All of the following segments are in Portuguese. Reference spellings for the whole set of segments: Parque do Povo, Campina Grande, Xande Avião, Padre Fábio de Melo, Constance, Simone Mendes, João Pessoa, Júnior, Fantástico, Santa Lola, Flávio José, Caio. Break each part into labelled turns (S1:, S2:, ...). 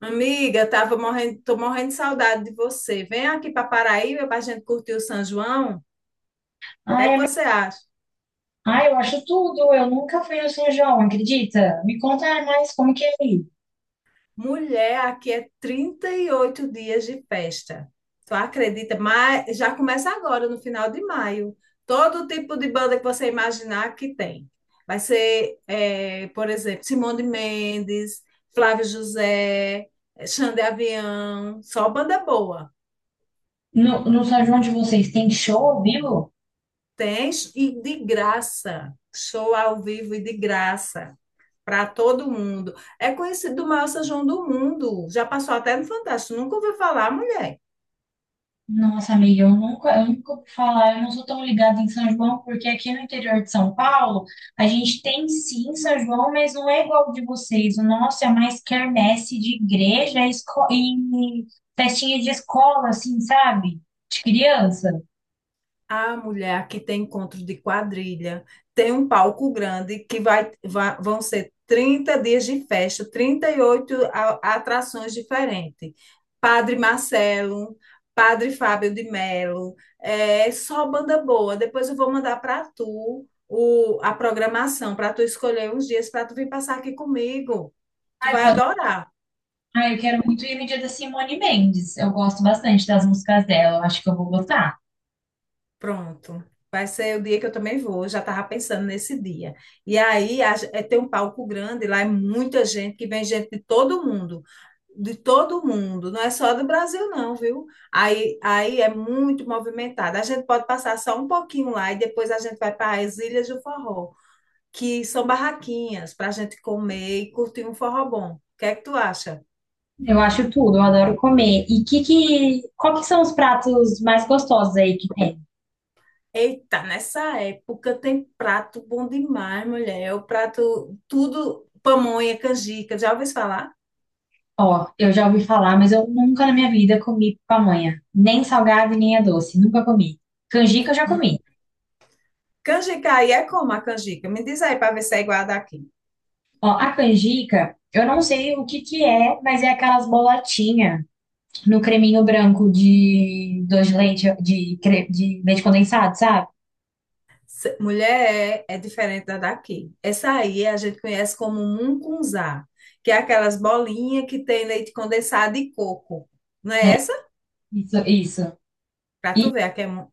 S1: Amiga, tô morrendo de saudade de você. Vem aqui para Paraíba para a gente curtir o São João. O que é
S2: Ai,
S1: que você acha?
S2: ai, eu acho tudo. Eu nunca fui no São João, acredita? Me conta mais como que é aí.
S1: Mulher, aqui é 38 dias de festa. Tu acredita? Mas já começa agora, no final de maio. Todo tipo de banda que você imaginar que tem. Vai ser, por exemplo, Simone Mendes, Flávio José, Xande Avião, só banda boa.
S2: No São João de vocês tem show ao vivo?
S1: Tem e de graça. Show ao vivo e de graça. Para todo mundo. É conhecido o maior São João do mundo. Já passou até no Fantástico. Nunca ouviu falar, mulher.
S2: Nossa, amiga, eu nunca ouvi falar. Eu não sou tão ligada em São João, porque aqui no interior de São Paulo, a gente tem sim São João, mas não é igual o de vocês. O nosso é mais quermesse de igreja e festinha de escola, assim, sabe? De criança.
S1: A mulher aqui tem encontro de quadrilha, tem um palco grande que vão ser 30 dias de festa, 38 atrações diferentes. Padre Marcelo, Padre Fábio de Melo, é só banda boa. Depois eu vou mandar para tu a programação, para tu escolher uns dias para tu vir passar aqui comigo. Tu
S2: Ai,
S1: vai adorar.
S2: ah, eu quero muito ir no dia da Simone Mendes. Eu gosto bastante das músicas dela. Eu acho que eu vou gostar.
S1: Pronto. Vai ser o dia que eu também vou. Eu já estava pensando nesse dia. E aí tem um palco grande, lá é muita gente, que vem gente de todo mundo. De todo mundo, não é só do Brasil, não, viu? Aí é muito movimentado. A gente pode passar só um pouquinho lá e depois a gente vai para as Ilhas do Forró, que são barraquinhas para a gente comer e curtir um forró bom. O que é que tu acha?
S2: Eu acho tudo, eu adoro comer. E qual que são os pratos mais gostosos aí que tem?
S1: Eita, nessa época tem prato bom demais, mulher. É. O prato, tudo, pamonha, canjica. Já ouviu falar?
S2: Ó, eu já ouvi falar, mas eu nunca na minha vida comi pamonha. Nem salgado e nem a doce. Nunca comi. Canjica eu já
S1: Hum.
S2: comi.
S1: Canjica aí é como a canjica? Me diz aí para ver se é igual a daqui.
S2: Ó, a canjica, eu não sei o que que é, mas é aquelas bolotinhas no creminho branco de doce de leite, de leite condensado, sabe?
S1: Mulher, é diferente da daqui. Essa aí a gente conhece como mungunzá, que é aquelas bolinhas que tem leite condensado e coco. Não é essa?
S2: Isso, isso.
S1: Pra tu
S2: E,
S1: ver,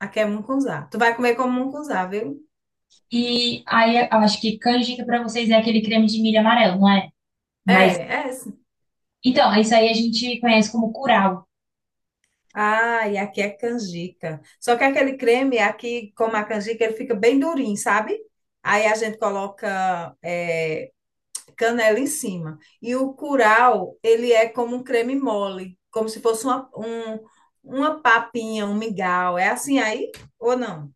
S1: aqui é mungunzá. Tu vai comer como mungunzá, viu?
S2: e aí eu acho que canjica pra vocês é aquele creme de milho amarelo, não é? Mas
S1: É, é
S2: então, isso aí a gente conhece como curau.
S1: Ah, e aqui é canjica. Só que aquele creme aqui, como a canjica, ele fica bem durinho, sabe? Aí a gente coloca canela em cima. E o curau, ele é como um creme mole, como se fosse uma papinha, um mingau. É assim aí ou não?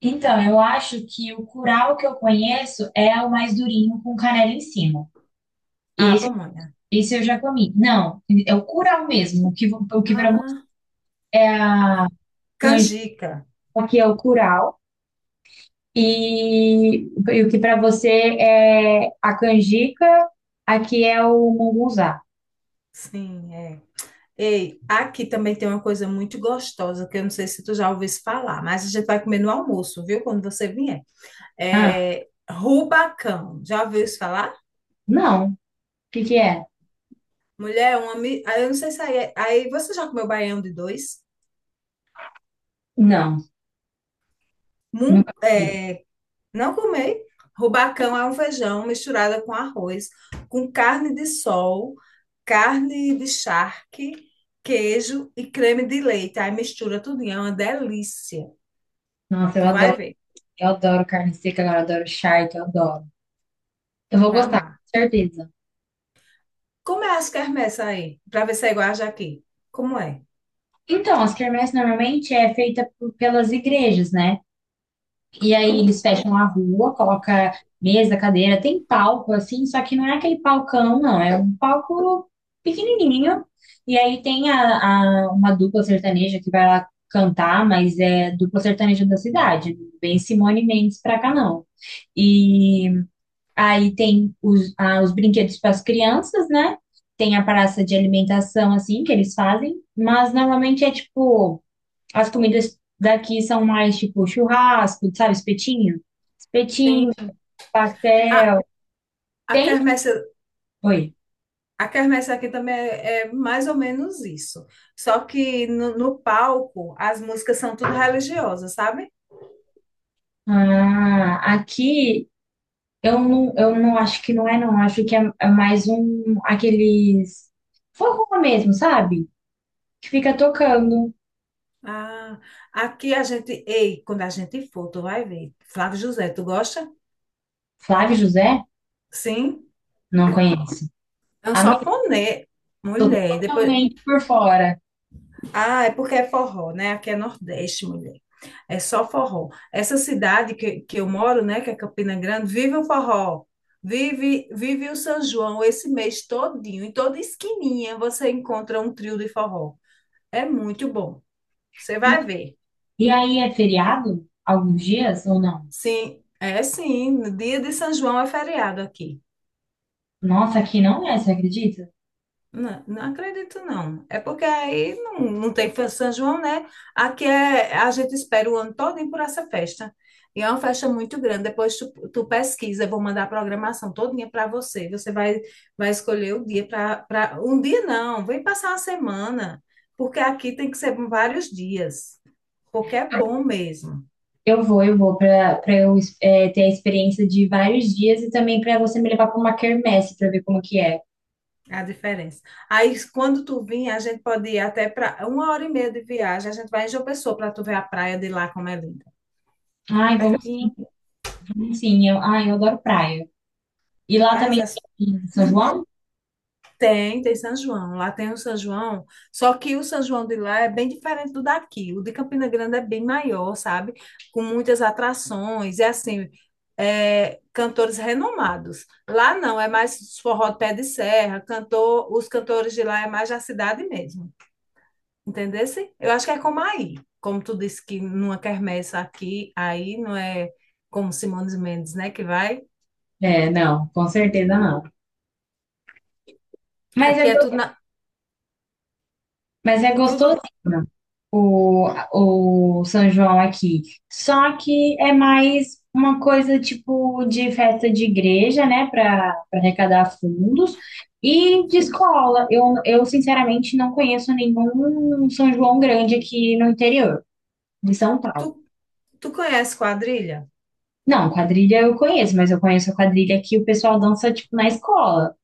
S2: Então, eu acho que o curau que eu conheço é o mais durinho com canela em cima. E
S1: Ah,
S2: esse,
S1: pamonha.
S2: esse eu já comi. Não, é o curau mesmo. O que para você
S1: Ah,
S2: é a
S1: canjica.
S2: aqui é o curau. E, e o que para você é a canjica, aqui é o mungunzá.
S1: Sim, é. Ei, aqui também tem uma coisa muito gostosa, que eu não sei se tu já ouviste falar, mas a gente vai comer no almoço, viu? Quando você vier.
S2: Ah,
S1: É, Rubacão. Já ouviu isso falar?
S2: não. O que que é?
S1: Mulher, aí eu não sei se aí você já comeu baião de dois?
S2: Não,
S1: Mun-
S2: nunca comi.
S1: é, não comei. Rubacão é um feijão misturado com arroz, com carne de sol, carne de charque, queijo e creme de leite. Aí mistura tudo, é uma delícia.
S2: Nossa,
S1: Tu
S2: eu
S1: vai
S2: adoro.
S1: ver,
S2: Eu adoro carne seca, agora eu adoro charque, eu adoro. Eu
S1: tu
S2: vou
S1: vai
S2: gostar,
S1: amar.
S2: com certeza.
S1: Como é as quermesses aí? Para ver se é igual a Jaqui. Como é?
S2: Então, as quermesses normalmente é feita pelas igrejas, né? E aí eles fecham a rua, coloca mesa, cadeira, tem palco assim, só que não é aquele palcão, não, é um palco pequenininho. E aí tem uma dupla sertaneja que vai lá cantar, mas é dupla sertaneja da cidade, não vem Simone Mendes pra cá não. E aí tem os brinquedos para as crianças, né? Tem a praça de alimentação assim que eles fazem, mas normalmente é tipo as comidas daqui são mais tipo churrasco, sabe, espetinho.
S1: Tem.
S2: Petinho,
S1: Ah,
S2: pastel.
S1: a
S2: Tem?
S1: quermesse
S2: Oi.
S1: A quermesse aqui também é mais ou menos isso. Só que no palco, as músicas são tudo religiosas, sabe?
S2: Ah, aqui eu não acho que não é, não. Acho que é mais um aqueles forró mesmo, sabe? Que fica tocando.
S1: Ah, aqui a gente. Ei, quando a gente for, tu vai ver. Flávio José, tu gosta?
S2: Flávio José?
S1: Sim,
S2: Não conheço.
S1: é um
S2: Amigo,
S1: sanfonê.
S2: tô
S1: Mulher, depois.
S2: totalmente por fora.
S1: Ah, é porque é forró, né? Aqui é Nordeste, mulher. É só forró. Essa cidade que eu moro, né, que é Campina Grande, vive o forró. Vive, vive o São João esse mês todinho. Em toda esquininha você encontra um trio de forró. É muito bom. Você
S2: E,
S1: vai ver.
S2: e aí é feriado? Alguns dias ou não?
S1: Sim, é sim. No dia de São João é feriado aqui.
S2: Nossa, aqui não é, você acredita?
S1: Não, não acredito, não. É porque aí não tem festa de São João, né? Aqui é, a gente espera o ano todo por essa festa. E é uma festa muito grande. Depois tu pesquisa, eu vou mandar a programação todinha para você. Você vai escolher o dia para. Um dia não, vem passar uma semana. Porque aqui tem que ser vários dias. Porque é bom mesmo
S2: Eu vou, pra eu ter a experiência de vários dias e também pra você me levar pra uma quermesse pra ver como que é.
S1: a diferença. Aí, quando tu vir, a gente pode ir até para uma hora e meia de viagem. A gente vai em João Pessoa para tu ver a praia de lá como é linda. Fica
S2: Ai, vamos sim,
S1: pertinho.
S2: vamos sim. Eu adoro praia. E lá
S1: Mas
S2: também
S1: as-
S2: tem em São João?
S1: tem São João. Lá tem o São João, só que o São João de lá é bem diferente do daqui. O de Campina Grande é bem maior, sabe? Com muitas atrações, é assim, é, cantores renomados. Lá não, é mais forró de pé de serra, os cantores de lá é mais da cidade mesmo. Entendesse? Eu acho que é como aí. Como tu disse que numa quermesse aqui, aí não é como Simões Mendes, né, que vai.
S2: É, não, com certeza não. Mas é,
S1: Aqui é tudo
S2: go-
S1: na,
S2: mas é gostosinho
S1: tudo
S2: o, o São João aqui. Só que é mais uma coisa tipo de festa de igreja, né? Para arrecadar fundos. E de escola. Eu, sinceramente, não conheço nenhum São João grande aqui no interior de São Paulo.
S1: tu, tu conhece quadrilha?
S2: Não, quadrilha eu conheço, mas eu conheço a quadrilha que o pessoal dança, tipo, na escola.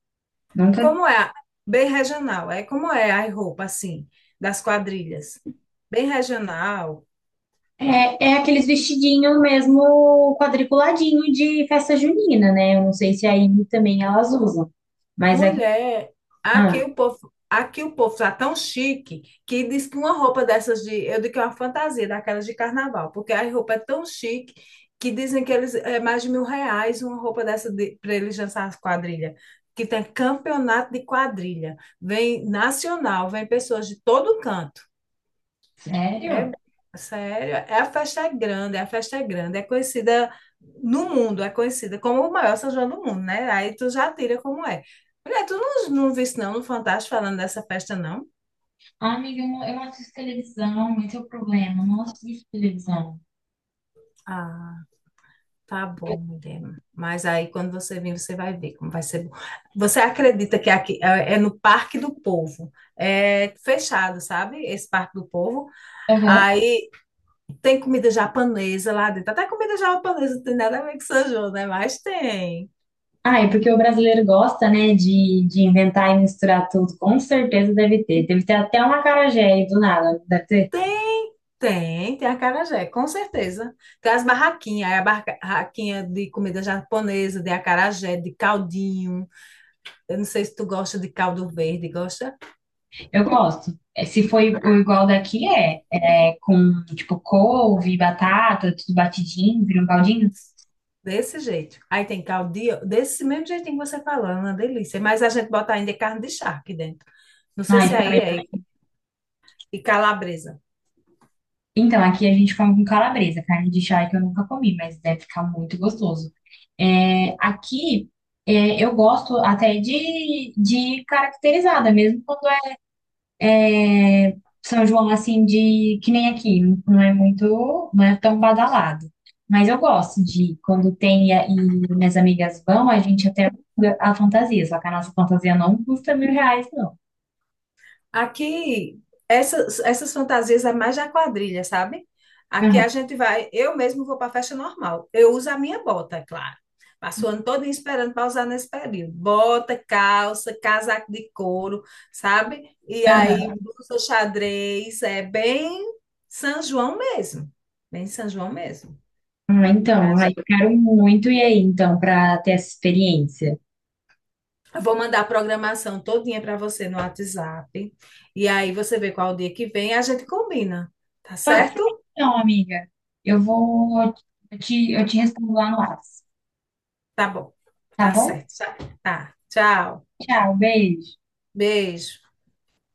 S2: Nunca.
S1: Como é? Bem regional. É como é a roupa, assim, das quadrilhas. Bem regional.
S2: É aqueles vestidinhos mesmo quadriculadinho de festa junina, né? Eu não sei se aí também elas usam. Mas é.
S1: Mulher,
S2: Ah,
S1: aqui o povo tá tão chique que diz que uma roupa dessas de, eu digo que é uma fantasia, daquelas de carnaval, porque a roupa é tão chique que dizem que eles é mais de R$ 1.000 uma roupa dessa de, para eles dançar as quadrilhas. Que tem campeonato de quadrilha, vem nacional, vem pessoas de todo canto.
S2: sério?
S1: É, sério, é a festa é grande, é a festa é grande, é conhecida no mundo, é conhecida como o maior São João do mundo, né? Aí tu já tira como é. Mulher, tu não viste não no Fantástico falando dessa festa, não?
S2: Ah, amiga, eu não assisto televisão, esse é o problema, eu não assisto televisão.
S1: Ah, tá bom, mulher. Mas aí quando você vir, você vai ver como vai ser bom. Você acredita que aqui é no Parque do Povo? É fechado, sabe? Esse Parque do Povo.
S2: Aham.
S1: Aí tem comida japonesa lá dentro. Até comida japonesa não tem nada a ver com São João, né? Mas tem.
S2: Ah, é porque o brasileiro gosta, né, de inventar e misturar tudo. Com certeza deve ter. Deve ter até um acarajé aí do nada. Deve ter.
S1: Tem acarajé, com certeza. Tem as barraquinhas, aí a barraquinha de comida japonesa, de acarajé, de caldinho. Eu não sei se tu gosta de caldo verde, gosta
S2: Eu gosto. É, se foi o igual daqui, é. É com, tipo, couve, batata, tudo batidinho, vira um baldinho.
S1: desse jeito. Aí tem caldinho, desse mesmo jeitinho que você falou, é uma delícia. Mas a gente bota ainda carne de charque dentro. Não sei
S2: Ai,
S1: se
S2: fica
S1: aí
S2: melhor.
S1: é, e calabresa.
S2: Então, aqui a gente come com calabresa, carne de charque eu nunca comi, mas deve ficar muito gostoso. É, aqui, eu gosto até de caracterizada, mesmo quando São João, assim, de que nem aqui, não é muito, não é tão badalado. Mas eu gosto de ir quando tem, e minhas amigas vão, a gente até aluga a fantasia, só que a nossa fantasia não custa 1.000 reais, não.
S1: Aqui, essas fantasias é mais da quadrilha, sabe? Aqui a
S2: Aham,
S1: gente vai, eu mesmo vou para festa normal. Eu uso a minha bota, é claro. Passo o ano todo esperando para usar nesse período. Bota, calça, casaco de couro, sabe? E
S2: aham.
S1: aí, blusa xadrez, é bem São João mesmo. Bem São João mesmo.
S2: Ah,
S1: Pra
S2: então, aí
S1: gente.
S2: eu quero muito ir aí, então, para ter essa experiência.
S1: Eu vou mandar a programação todinha para você no WhatsApp. E aí você vê qual dia que vem, a gente combina, tá
S2: Pode ser,
S1: certo?
S2: então, amiga. Eu vou, eu te respondo lá no WhatsApp,
S1: Tá bom,
S2: tá
S1: tá
S2: bom?
S1: certo. Tá. Tchau.
S2: Tchau, beijo.
S1: Beijo.